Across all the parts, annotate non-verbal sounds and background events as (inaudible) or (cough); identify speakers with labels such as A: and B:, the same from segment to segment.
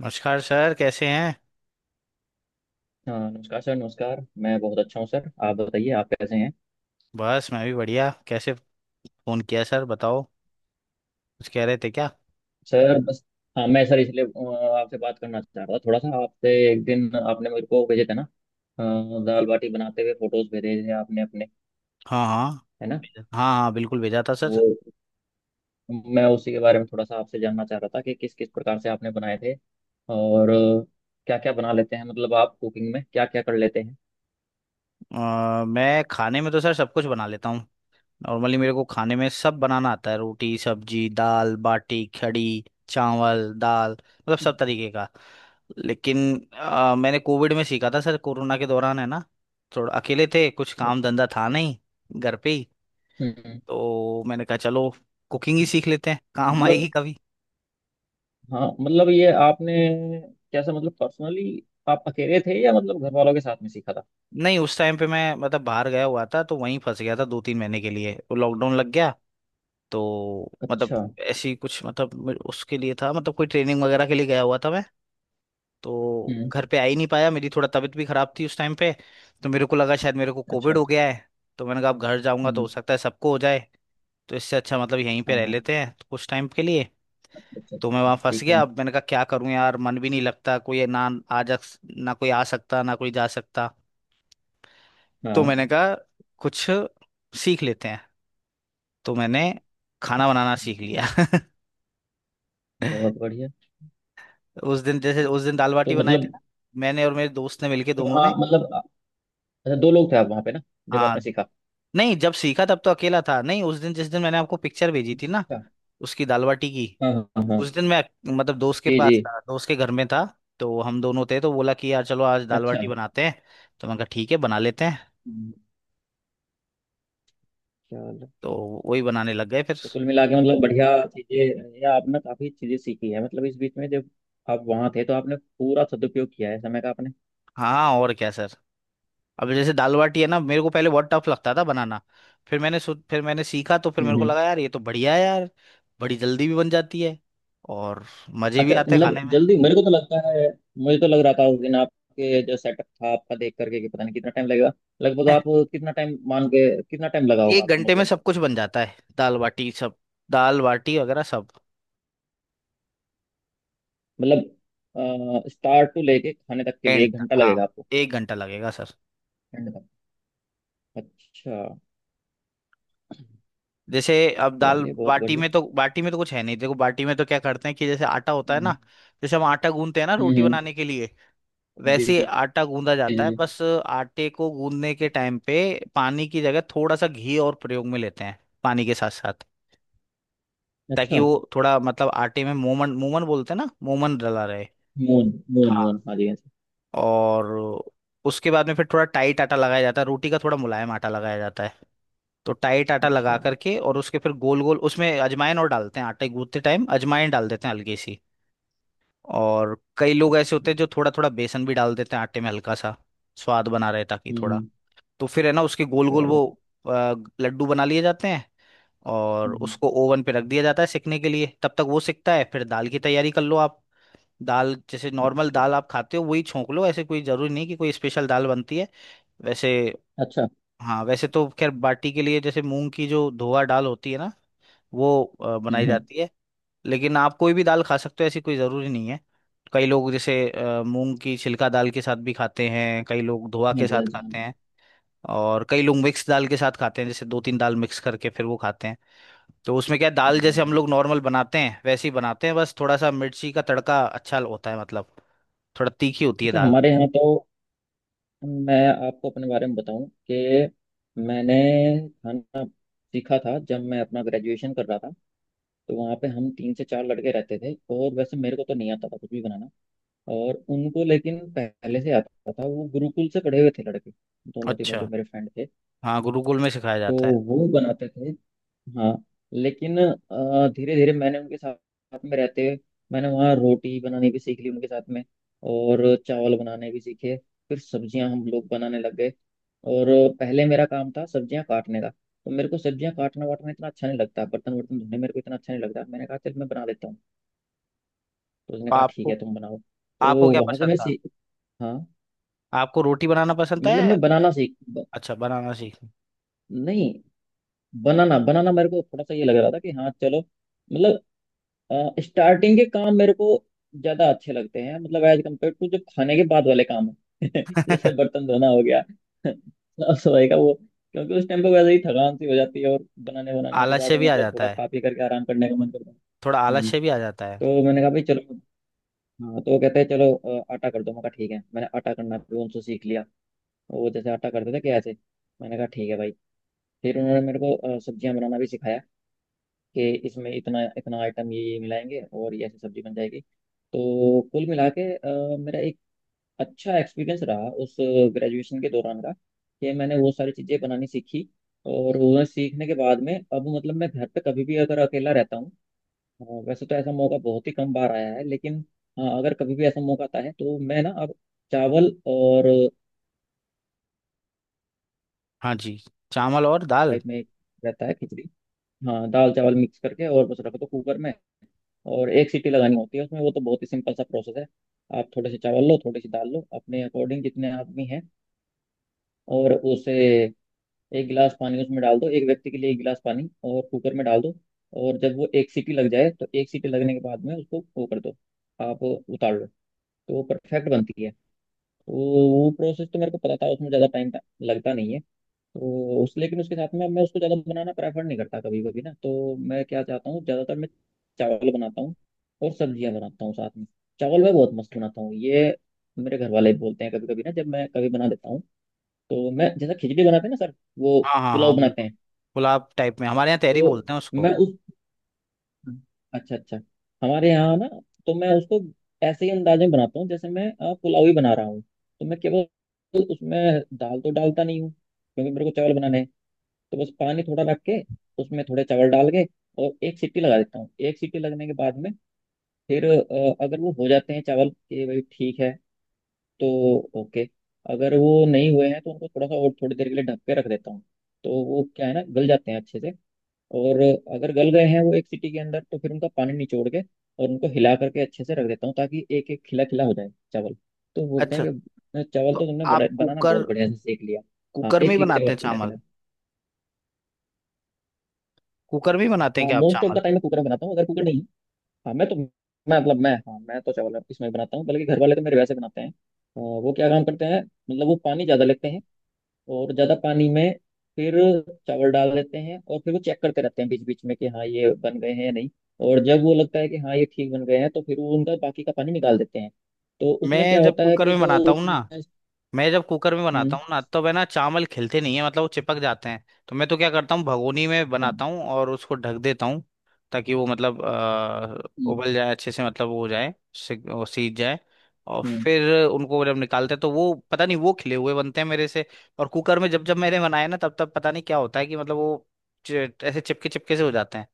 A: नमस्कार सर, कैसे हैं?
B: हाँ, नमस्कार सर। नमस्कार। मैं बहुत अच्छा हूँ सर। आप बताइए, आप कैसे हैं?
A: बस, मैं भी बढ़िया। कैसे फ़ोन किया सर? बताओ। कुछ कह रहे थे क्या?
B: सर बस। हाँ मैं सर इसलिए आपसे बात करना चाह रहा था थोड़ा सा आपसे। एक दिन आपने मेरे को भेजे थे ना। दाल बाटी बनाते हुए फोटोज भेजे थे आपने अपने।
A: हाँ हाँ
B: है ना?
A: भेजा। हाँ हाँ बिल्कुल भेजा था सर।
B: वो, मैं उसी के बारे में थोड़ा सा आपसे जानना चाह रहा था कि किस किस प्रकार से आपने बनाए थे। और क्या क्या बना लेते हैं, मतलब आप कुकिंग में क्या क्या कर लेते हैं?
A: मैं खाने में तो सर सब कुछ बना लेता हूँ। नॉर्मली मेरे को खाने में सब बनाना आता है, रोटी, सब्जी, दाल बाटी, खड़ी, चावल दाल, मतलब
B: अच्छा।
A: सब तरीके का। लेकिन मैंने कोविड में सीखा था सर, कोरोना के दौरान, है ना। थोड़ा अकेले थे, कुछ काम
B: अच्छा।
A: धंधा था नहीं, घर पे ही।
B: हम्म, हम्म।
A: तो मैंने कहा चलो कुकिंग ही सीख लेते हैं, काम
B: मतलब,
A: आएगी कभी।
B: हाँ मतलब ये आपने, कैसा, मतलब पर्सनली आप अकेले थे या मतलब घर वालों के साथ में सीखा था?
A: नहीं, उस टाइम पे मैं मतलब बाहर गया हुआ था, तो वहीं फंस गया था दो तीन महीने के लिए, वो लॉकडाउन लग गया। तो मतलब
B: अच्छा।
A: ऐसी कुछ मतलब उसके लिए था, मतलब कोई ट्रेनिंग वगैरह के लिए गया हुआ था मैं, तो
B: हम्म।
A: घर पे आ ही नहीं पाया। मेरी थोड़ा तबीयत भी खराब थी उस टाइम पे, तो मेरे को लगा शायद मेरे को
B: अच्छा।
A: कोविड हो गया है। तो मैंने कहा अब घर जाऊंगा तो
B: हम्म।
A: हो सकता है सबको हो जाए। तो इससे अच्छा मतलब यहीं पे
B: हाँ,
A: रह
B: हाँ।
A: लेते हैं तो कुछ टाइम के लिए।
B: अच्छा अच्छा
A: तो मैं
B: अच्छा,
A: वहां फंस
B: ठीक
A: गया।
B: है।
A: अब मैंने कहा क्या करूं यार, मन भी नहीं लगता, कोई ना आ जा, ना कोई आ सकता ना कोई जा सकता। तो
B: हाँ।
A: मैंने कहा कुछ सीख लेते हैं। तो मैंने खाना बनाना
B: अच्छा,
A: सीख लिया। (laughs)
B: बहुत बढ़िया।
A: उस दिन जैसे उस दिन दाल
B: तो
A: बाटी बनाए थे
B: मतलब,
A: ना, मैंने और मेरे दोस्त ने मिलके दोनों
B: वहाँ
A: ने।
B: मतलब, अच्छा दो लोग थे आप वहाँ पे ना, जब
A: हाँ।
B: आपने सीखा।
A: नहीं, जब सीखा तब तो अकेला था। नहीं, उस दिन जिस दिन मैंने आपको पिक्चर भेजी थी ना,
B: अच्छा।
A: उसकी दाल बाटी की,
B: हाँ हाँ हाँ हाँ।
A: उस दिन मैं मतलब दोस्त के
B: जी जी।
A: पास था, दोस्त के घर में था। तो हम दोनों थे तो बोला कि यार चलो आज दाल
B: अच्छा।
A: बाटी बनाते हैं। तो मैंने कहा ठीक है, बना लेते हैं।
B: हम्म, चलो।
A: तो वही बनाने लग गए फिर।
B: तो कुल मिला के मतलब बढ़िया चीज़ें, या आपने काफ़ी चीज़ें सीखी है मतलब इस बीच में जब आप वहाँ थे, तो आपने पूरा सदुपयोग किया है समय का आपने।
A: हाँ, और क्या सर। अब जैसे दाल बाटी है ना, मेरे को पहले बहुत टफ लगता था बनाना। फिर मैंने सीखा, तो फिर मेरे को
B: हम्म।
A: लगा यार ये तो बढ़िया है यार। बड़ी जल्दी भी बन जाती है, और मजे भी
B: अच्छा,
A: आते हैं
B: मतलब
A: खाने में।
B: जल्दी मेरे को तो लगता है, मुझे तो लग रहा था उस दिन आपके जो सेटअप था आपका देख करके कि पता नहीं कितना टाइम लगेगा। लगभग आप
A: (laughs)
B: कितना टाइम मान के कितना टाइम लगा होगा
A: एक
B: आपको
A: घंटे में
B: मतलब?
A: सब कुछ बन जाता है, दाल बाटी सब, दाल बाटी वगैरह सब।
B: मतलब स्टार्ट टू लेके खाने तक के लिए
A: एंड
B: एक
A: तक
B: घंटा
A: हाँ,
B: लगेगा आपको?
A: एक घंटा लगेगा सर।
B: एंड तक। अच्छा।
A: जैसे अब दाल
B: चलिए, बहुत
A: बाटी
B: बढ़िया।
A: में तो, बाटी में तो कुछ है नहीं। देखो बाटी में तो क्या करते हैं कि जैसे आटा होता है ना,
B: हम्म
A: जैसे हम आटा गूंथते हैं ना
B: हम्म,
A: रोटी
B: हम्म।
A: बनाने के लिए,
B: जी
A: वैसे
B: जी।
A: ही
B: जी
A: आटा गूंदा जाता है।
B: जी।
A: बस आटे को गूंदने के टाइम पे पानी की जगह थोड़ा सा घी और प्रयोग में लेते हैं, पानी के साथ साथ, ताकि
B: अच्छा,
A: वो थोड़ा मतलब आटे में, मोमन, मोमन बोलते हैं ना, मोमन डला रहे।
B: मोहन मोहन
A: हाँ।
B: मोहन, हाँ जी हाँ जी।
A: और उसके बाद में फिर थोड़ा टाइट आटा लगाया जाता है, रोटी का थोड़ा मुलायम आटा लगाया जाता है। तो टाइट आटा लगा
B: अच्छा।
A: करके, और उसके फिर गोल गोल उसमें अजवाइन और डालते हैं, आटे गूंथते टाइम अजवाइन डाल देते हैं हल्की सी। और कई लोग ऐसे
B: अच्छा।
A: होते हैं जो थोड़ा थोड़ा बेसन भी डाल देते हैं आटे में हल्का सा, स्वाद बना रहे ताकि थोड़ा।
B: हम्म,
A: तो फिर है ना उसके गोल गोल
B: चलो।
A: वो अ, लड्डू बना लिए जाते हैं, और
B: हम्म।
A: उसको ओवन पे रख दिया जाता है सिकने के लिए। तब तक वो सिकता है, फिर दाल की तैयारी कर लो आप। दाल जैसे नॉर्मल
B: अच्छा।
A: दाल आप खाते हो वही छोंक लो, ऐसे कोई जरूरी नहीं कि कोई स्पेशल दाल बनती है वैसे।
B: अच्छा।
A: हाँ, वैसे तो खैर बाटी के लिए जैसे मूंग की जो धोआ दाल होती है ना, वो बनाई
B: हम्म हम्म,
A: जाती है। लेकिन आप कोई भी दाल खा सकते हो, ऐसी कोई ज़रूरी नहीं है। कई लोग जैसे मूंग की छिलका दाल के साथ भी खाते हैं, कई लोग धोआ
B: हाँ
A: के
B: जी
A: साथ
B: हाँ जी हाँ
A: खाते
B: जी।
A: हैं। और कई लोग मिक्स दाल के साथ खाते हैं, जैसे दो तीन दाल मिक्स करके फिर वो खाते हैं। तो उसमें क्या है, दाल
B: हम्म,
A: जैसे
B: हम्म,
A: हम
B: हम्म।
A: लोग नॉर्मल बनाते हैं वैसे ही बनाते हैं, बस थोड़ा सा मिर्ची का तड़का अच्छा होता है, मतलब थोड़ा तीखी होती है
B: अच्छा
A: दाल।
B: हमारे यहाँ तो, मैं आपको अपने बारे में बताऊं कि मैंने खाना सीखा था जब मैं अपना ग्रेजुएशन कर रहा था। तो वहाँ पे हम तीन से चार लड़के रहते थे, और वैसे मेरे को तो नहीं आता था कुछ भी बनाना। और उनको लेकिन पहले से आता था, वो गुरुकुल से पढ़े हुए थे लड़के, दोनों तीनों
A: अच्छा।
B: जो मेरे फ्रेंड थे।
A: हाँ, गुरुकुल में सिखाया
B: तो
A: जाता है।
B: वो बनाते थे। हाँ, लेकिन धीरे धीरे मैंने उनके साथ साथ में रहते हुए, मैंने वहाँ रोटी बनानी भी सीख ली उनके साथ में। और चावल बनाने भी सीखे। फिर सब्जियां हम लोग बनाने लग गए। और पहले मेरा काम था सब्जियां काटने का, तो मेरे को सब्जियां काटना वाटना इतना अच्छा नहीं लगता, बर्तन वर्तन धोने मेरे को इतना अच्छा नहीं लगता, मैंने कहा चल मैं बना लेता हूँ। तो उसने
A: तो
B: कहा ठीक है
A: आपको
B: तुम बनाओ,
A: आपको
B: तो
A: क्या
B: वहां से
A: पसंद
B: मैं
A: था?
B: सीख। हाँ,
A: आपको रोटी बनाना पसंद
B: मतलब
A: है?
B: मैं बनाना सीख।
A: अच्छा, बनाना सीख।
B: नहीं, बनाना बनाना मेरे को थोड़ा सा ये लग रहा था कि हाँ चलो, मतलब स्टार्टिंग के काम मेरे को ज्यादा अच्छे लगते हैं, मतलब एज कम्पेयर टू जो खाने के बाद वाले काम है (laughs) जैसे
A: (laughs)
B: बर्तन धोना हो गया (laughs) साफ सफाई का वो। क्योंकि उस टाइम पे वैसे ही थकान सी हो जाती है, और बनाने बनाने के
A: आलस से
B: बाद
A: भी
B: में
A: आ
B: मतलब
A: जाता
B: थोड़ा
A: है,
B: खा पी करके आराम करने का मन करता है।
A: थोड़ा आलस
B: हम्म,
A: से भी आ जाता है।
B: तो मैंने कहा भाई चलो। हाँ, तो वो कहते हैं चलो आटा कर दो, मैं कहा ठीक है, मैंने आटा करना भी उनसे सीख लिया, वो जैसे आटा करते थे कैसे। मैंने कहा ठीक है भाई। फिर उन्होंने मेरे को सब्जियां बनाना भी सिखाया कि इसमें इतना इतना आइटम ये मिलाएंगे और ये ऐसी सब्जी बन जाएगी। तो कुल मिला के मेरा एक अच्छा एक्सपीरियंस रहा उस ग्रेजुएशन के दौरान का कि मैंने वो सारी चीज़ें बनानी सीखी। और वो सीखने के बाद में अब मतलब मैं घर पे कभी भी अगर अकेला रहता हूँ, वैसे तो ऐसा मौका बहुत ही कम बार आया है, लेकिन हाँ अगर कभी भी ऐसा मौका आता है तो मैं ना अब चावल और
A: हाँ जी। चावल और दाल।
B: टाइप में रहता है खिचड़ी। हाँ, दाल चावल मिक्स करके और बस रख दो कुकर में, और एक सीटी लगानी होती है उसमें। वो तो बहुत ही सिंपल सा प्रोसेस है। आप थोड़े से चावल लो, थोड़ी सी दाल लो अपने अकॉर्डिंग जितने आदमी हैं, और उसे एक गिलास पानी उसमें डाल दो, एक व्यक्ति के लिए एक गिलास पानी, और कुकर में डाल दो। और जब वो एक सीटी लग जाए, तो एक सीटी लगने के बाद में उसको वो कर दो, आप उतार लो। तो वो परफेक्ट बनती है। तो वो प्रोसेस तो मेरे को पता था, उसमें ज़्यादा टाइम लगता नहीं है। तो उस, लेकिन उसके साथ में मैं उसको ज़्यादा बनाना प्रेफर नहीं करता कभी कभी ना, तो मैं क्या चाहता हूँ ज़्यादातर, मैं चावल बनाता हूँ और सब्जियाँ बनाता हूँ साथ में। चावल मैं बहुत मस्त बनाता हूँ ये, मेरे घर वाले भी बोलते हैं कभी कभी ना, जब मैं कभी बना देता हूँ। तो मैं, जैसे खिचड़ी बनाते हैं ना सर, वो
A: हाँ हाँ
B: पुलाव
A: हाँ
B: बनाते
A: बिल्कुल।
B: हैं,
A: पुलाव टाइप में हमारे यहाँ तहरी
B: तो
A: बोलते हैं
B: मैं
A: उसको।
B: उस, अच्छा अच्छा, हमारे यहाँ ना, तो मैं उसको ऐसे ही अंदाज में बनाता हूँ, जैसे मैं पुलाव ही बना रहा हूँ, तो मैं केवल उसमें दाल तो डालता नहीं हूँ क्योंकि मेरे को चावल बनाने हैं। तो बस पानी थोड़ा रख के उसमें थोड़े चावल डाल के और एक सीटी लगा देता हूँ। एक सीटी लगने के बाद में फिर अगर वो हो जाते हैं चावल कि भाई ठीक है तो ओके। अगर वो नहीं हुए हैं तो उनको थोड़ा सा और थोड़ी देर के लिए ढक के रख देता हूँ, तो वो क्या है ना, गल जाते हैं अच्छे से। और अगर गल गए हैं वो एक सीटी के अंदर, तो फिर उनका पानी निचोड़ के और उनको हिला करके अच्छे से रख देता हूँ ताकि एक एक खिला खिला हो जाए चावल। तो बोलते
A: अच्छा।
B: हैं कि चावल तो
A: तो
B: तुमने बड़ा
A: आप
B: बनाना
A: कुकर
B: बहुत बढ़िया से सीख लिया। हाँ,
A: कुकर में ही
B: एक एक चावल
A: बनाते हैं
B: खिला खिला।
A: चावल? कुकर में ही बनाते हैं
B: हाँ
A: क्या आप
B: मोस्ट ऑफ द
A: चावल?
B: टाइम मैं कुकर में बनाता हूँ, अगर कुकर नहीं। हाँ मैं तो, मैं मतलब मैं, हाँ मैं तो चावल इसमें बनाता हूँ, बल्कि घर वाले तो मेरे वैसे बनाते हैं वो क्या काम करते हैं, मतलब वो पानी ज़्यादा लेते हैं, और ज़्यादा पानी में फिर चावल डाल देते हैं, और फिर वो चेक करते रहते हैं बीच बीच में कि हाँ ये बन गए हैं या नहीं। और जब वो लगता है कि हाँ ये ठीक बन गए हैं, तो फिर वो उनका बाकी का पानी निकाल देते हैं। तो उसमें क्या
A: मैं जब
B: होता है
A: कुकर
B: कि
A: में
B: जो
A: बनाता हूँ ना
B: उसमें,
A: मैं जब कुकर में बनाता
B: हम्म,
A: हूँ ना, तब है ना चावल खिलते नहीं है, मतलब वो चिपक जाते हैं। तो मैं तो क्या करता हूँ, भगोनी में
B: हाँ,
A: बनाता हूँ और उसको ढक देता हूँ, ताकि वो मतलब
B: हम्म
A: उबल जाए अच्छे से, मतलब वो हो जाए वो सीज जाए। और
B: हम्म।
A: फिर उनको जब निकालते हैं तो वो पता नहीं, वो खिले हुए बनते हैं मेरे से। और कुकर में जब जब मैंने बनाए ना, तब तब पता नहीं क्या होता है कि मतलब वो ऐसे चिपके चिपके से हो जाते हैं।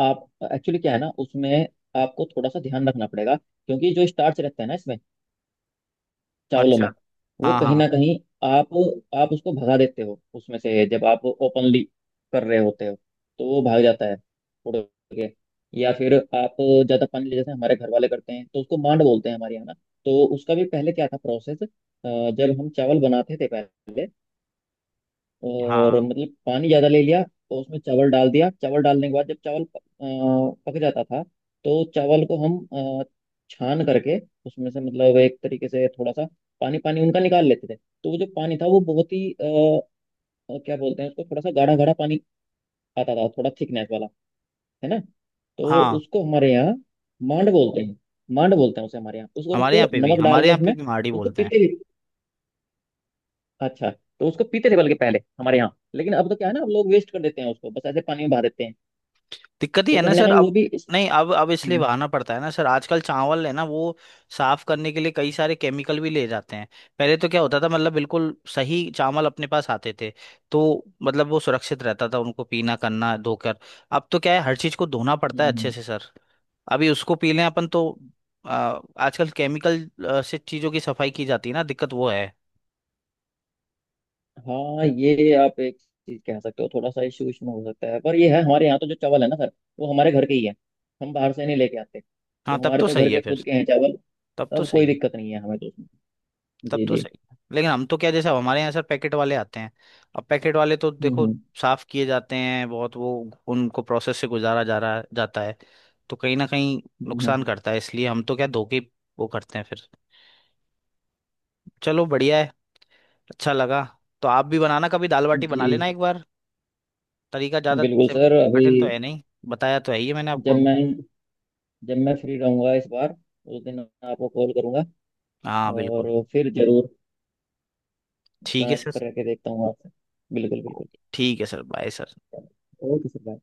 B: आप, एक्चुअली क्या है ना उसमें, आपको थोड़ा सा ध्यान रखना पड़ेगा, क्योंकि जो स्टार्च रहता है ना इसमें, चावलों
A: अच्छा।
B: में, वो
A: हाँ
B: कहीं ना
A: हाँ
B: कहीं, आप आप उसको भगा देते हो उसमें से जब आप ओपनली कर रहे होते हो, तो वो भाग जाता है उड़ के। या फिर आप ज्यादा पानी ले, जैसे हमारे घर वाले करते हैं, तो उसको मांड बोलते हैं हमारे यहाँ ना। तो उसका भी पहले क्या था प्रोसेस, जब हम चावल बनाते थे पहले, और
A: हाँ
B: मतलब पानी ज्यादा ले लिया तो उसमें चावल डाल दिया, चावल डालने के बाद जब चावल पक जाता था, तो चावल को हम अ, छान करके उसमें से मतलब एक तरीके से थोड़ा सा पानी पानी उनका निकाल लेते थे, तो वो जो पानी था वो बहुत ही क्या बोलते हैं उसको, थोड़ा सा गाढ़ा गाढ़ा पानी आता था, थोड़ा थिकनेस वाला है ना। तो
A: हाँ।
B: उसको हमारे यहाँ मांड बोलते हैं। मांड बोलते हैं उसे हमारे यहाँ, उसको उसको नमक डाल
A: हमारे
B: के
A: यहाँ पे
B: उसमें
A: भी माड़ी
B: उसको
A: बोलते हैं।
B: पीते। अच्छा। तो उसको पीते थे बल्कि पहले हमारे यहाँ, लेकिन अब तो क्या है ना, अब लोग वेस्ट कर देते हैं उसको, बस ऐसे पानी में बहा देते हैं।
A: दिक्कत ही
B: तो
A: है ना
B: कहीं ना
A: सर
B: कहीं वो
A: अब।
B: भी इस।
A: नहीं, अब इसलिए
B: हम्म,
A: बहाना पड़ता है ना सर, आजकल चावल है ना वो साफ करने के लिए कई सारे केमिकल भी ले जाते हैं। पहले तो क्या होता था मतलब बिल्कुल सही चावल अपने पास आते थे, तो मतलब वो सुरक्षित रहता था उनको पीना करना धोकर। अब तो क्या है हर चीज को धोना पड़ता है अच्छे
B: हम्म,
A: से सर। अभी उसको पी लें अपन तो। आ, आजकल केमिकल से चीजों की सफाई की जाती है ना, दिक्कत वो है।
B: हाँ, ये आप एक चीज कह सकते हो, थोड़ा सा इशू इसमें हो सकता है, पर ये है, हमारे यहाँ तो जो चावल है ना सर, वो हमारे घर के ही है। हम बाहर से नहीं लेके आते,
A: हाँ,
B: तो
A: तब
B: हमारे
A: तो
B: तो घर
A: सही है
B: के
A: फिर।
B: खुद के हैं चावल।
A: तब तो
B: तब कोई
A: सही है।
B: दिक्कत नहीं है हमें तो उसमें।
A: तब
B: जी
A: तो
B: जी।
A: सही है। लेकिन हम तो क्या, जैसे अब हमारे यहाँ सर पैकेट वाले आते हैं। अब पैकेट वाले तो
B: हम्म
A: देखो
B: हम्म
A: साफ किए जाते हैं बहुत वो, उनको प्रोसेस से गुजारा जा रहा जाता है। तो कहीं ना कहीं
B: हम्म,
A: नुकसान
B: हम्म,
A: करता है, इसलिए हम तो क्या धोके ही वो करते हैं फिर। चलो, बढ़िया है। अच्छा लगा। तो आप भी बनाना कभी, दाल बाटी बना
B: जी।
A: लेना एक बार। तरीका ज़्यादा
B: बिल्कुल
A: सिंपल,
B: सर, अभी
A: कठिन तो है नहीं। बताया तो है ही है मैंने
B: जब
A: आपको।
B: मैं जब मैं फ्री रहूंगा इस बार, उस दिन आपको कॉल करूंगा,
A: हाँ बिल्कुल।
B: और फिर जरूर
A: ठीक है
B: कनेक्ट
A: सर।
B: करके देखता हूँ आपसे। बिल्कुल बिल्कुल।
A: ओके ठीक है sir, bye sir.
B: Okay sir.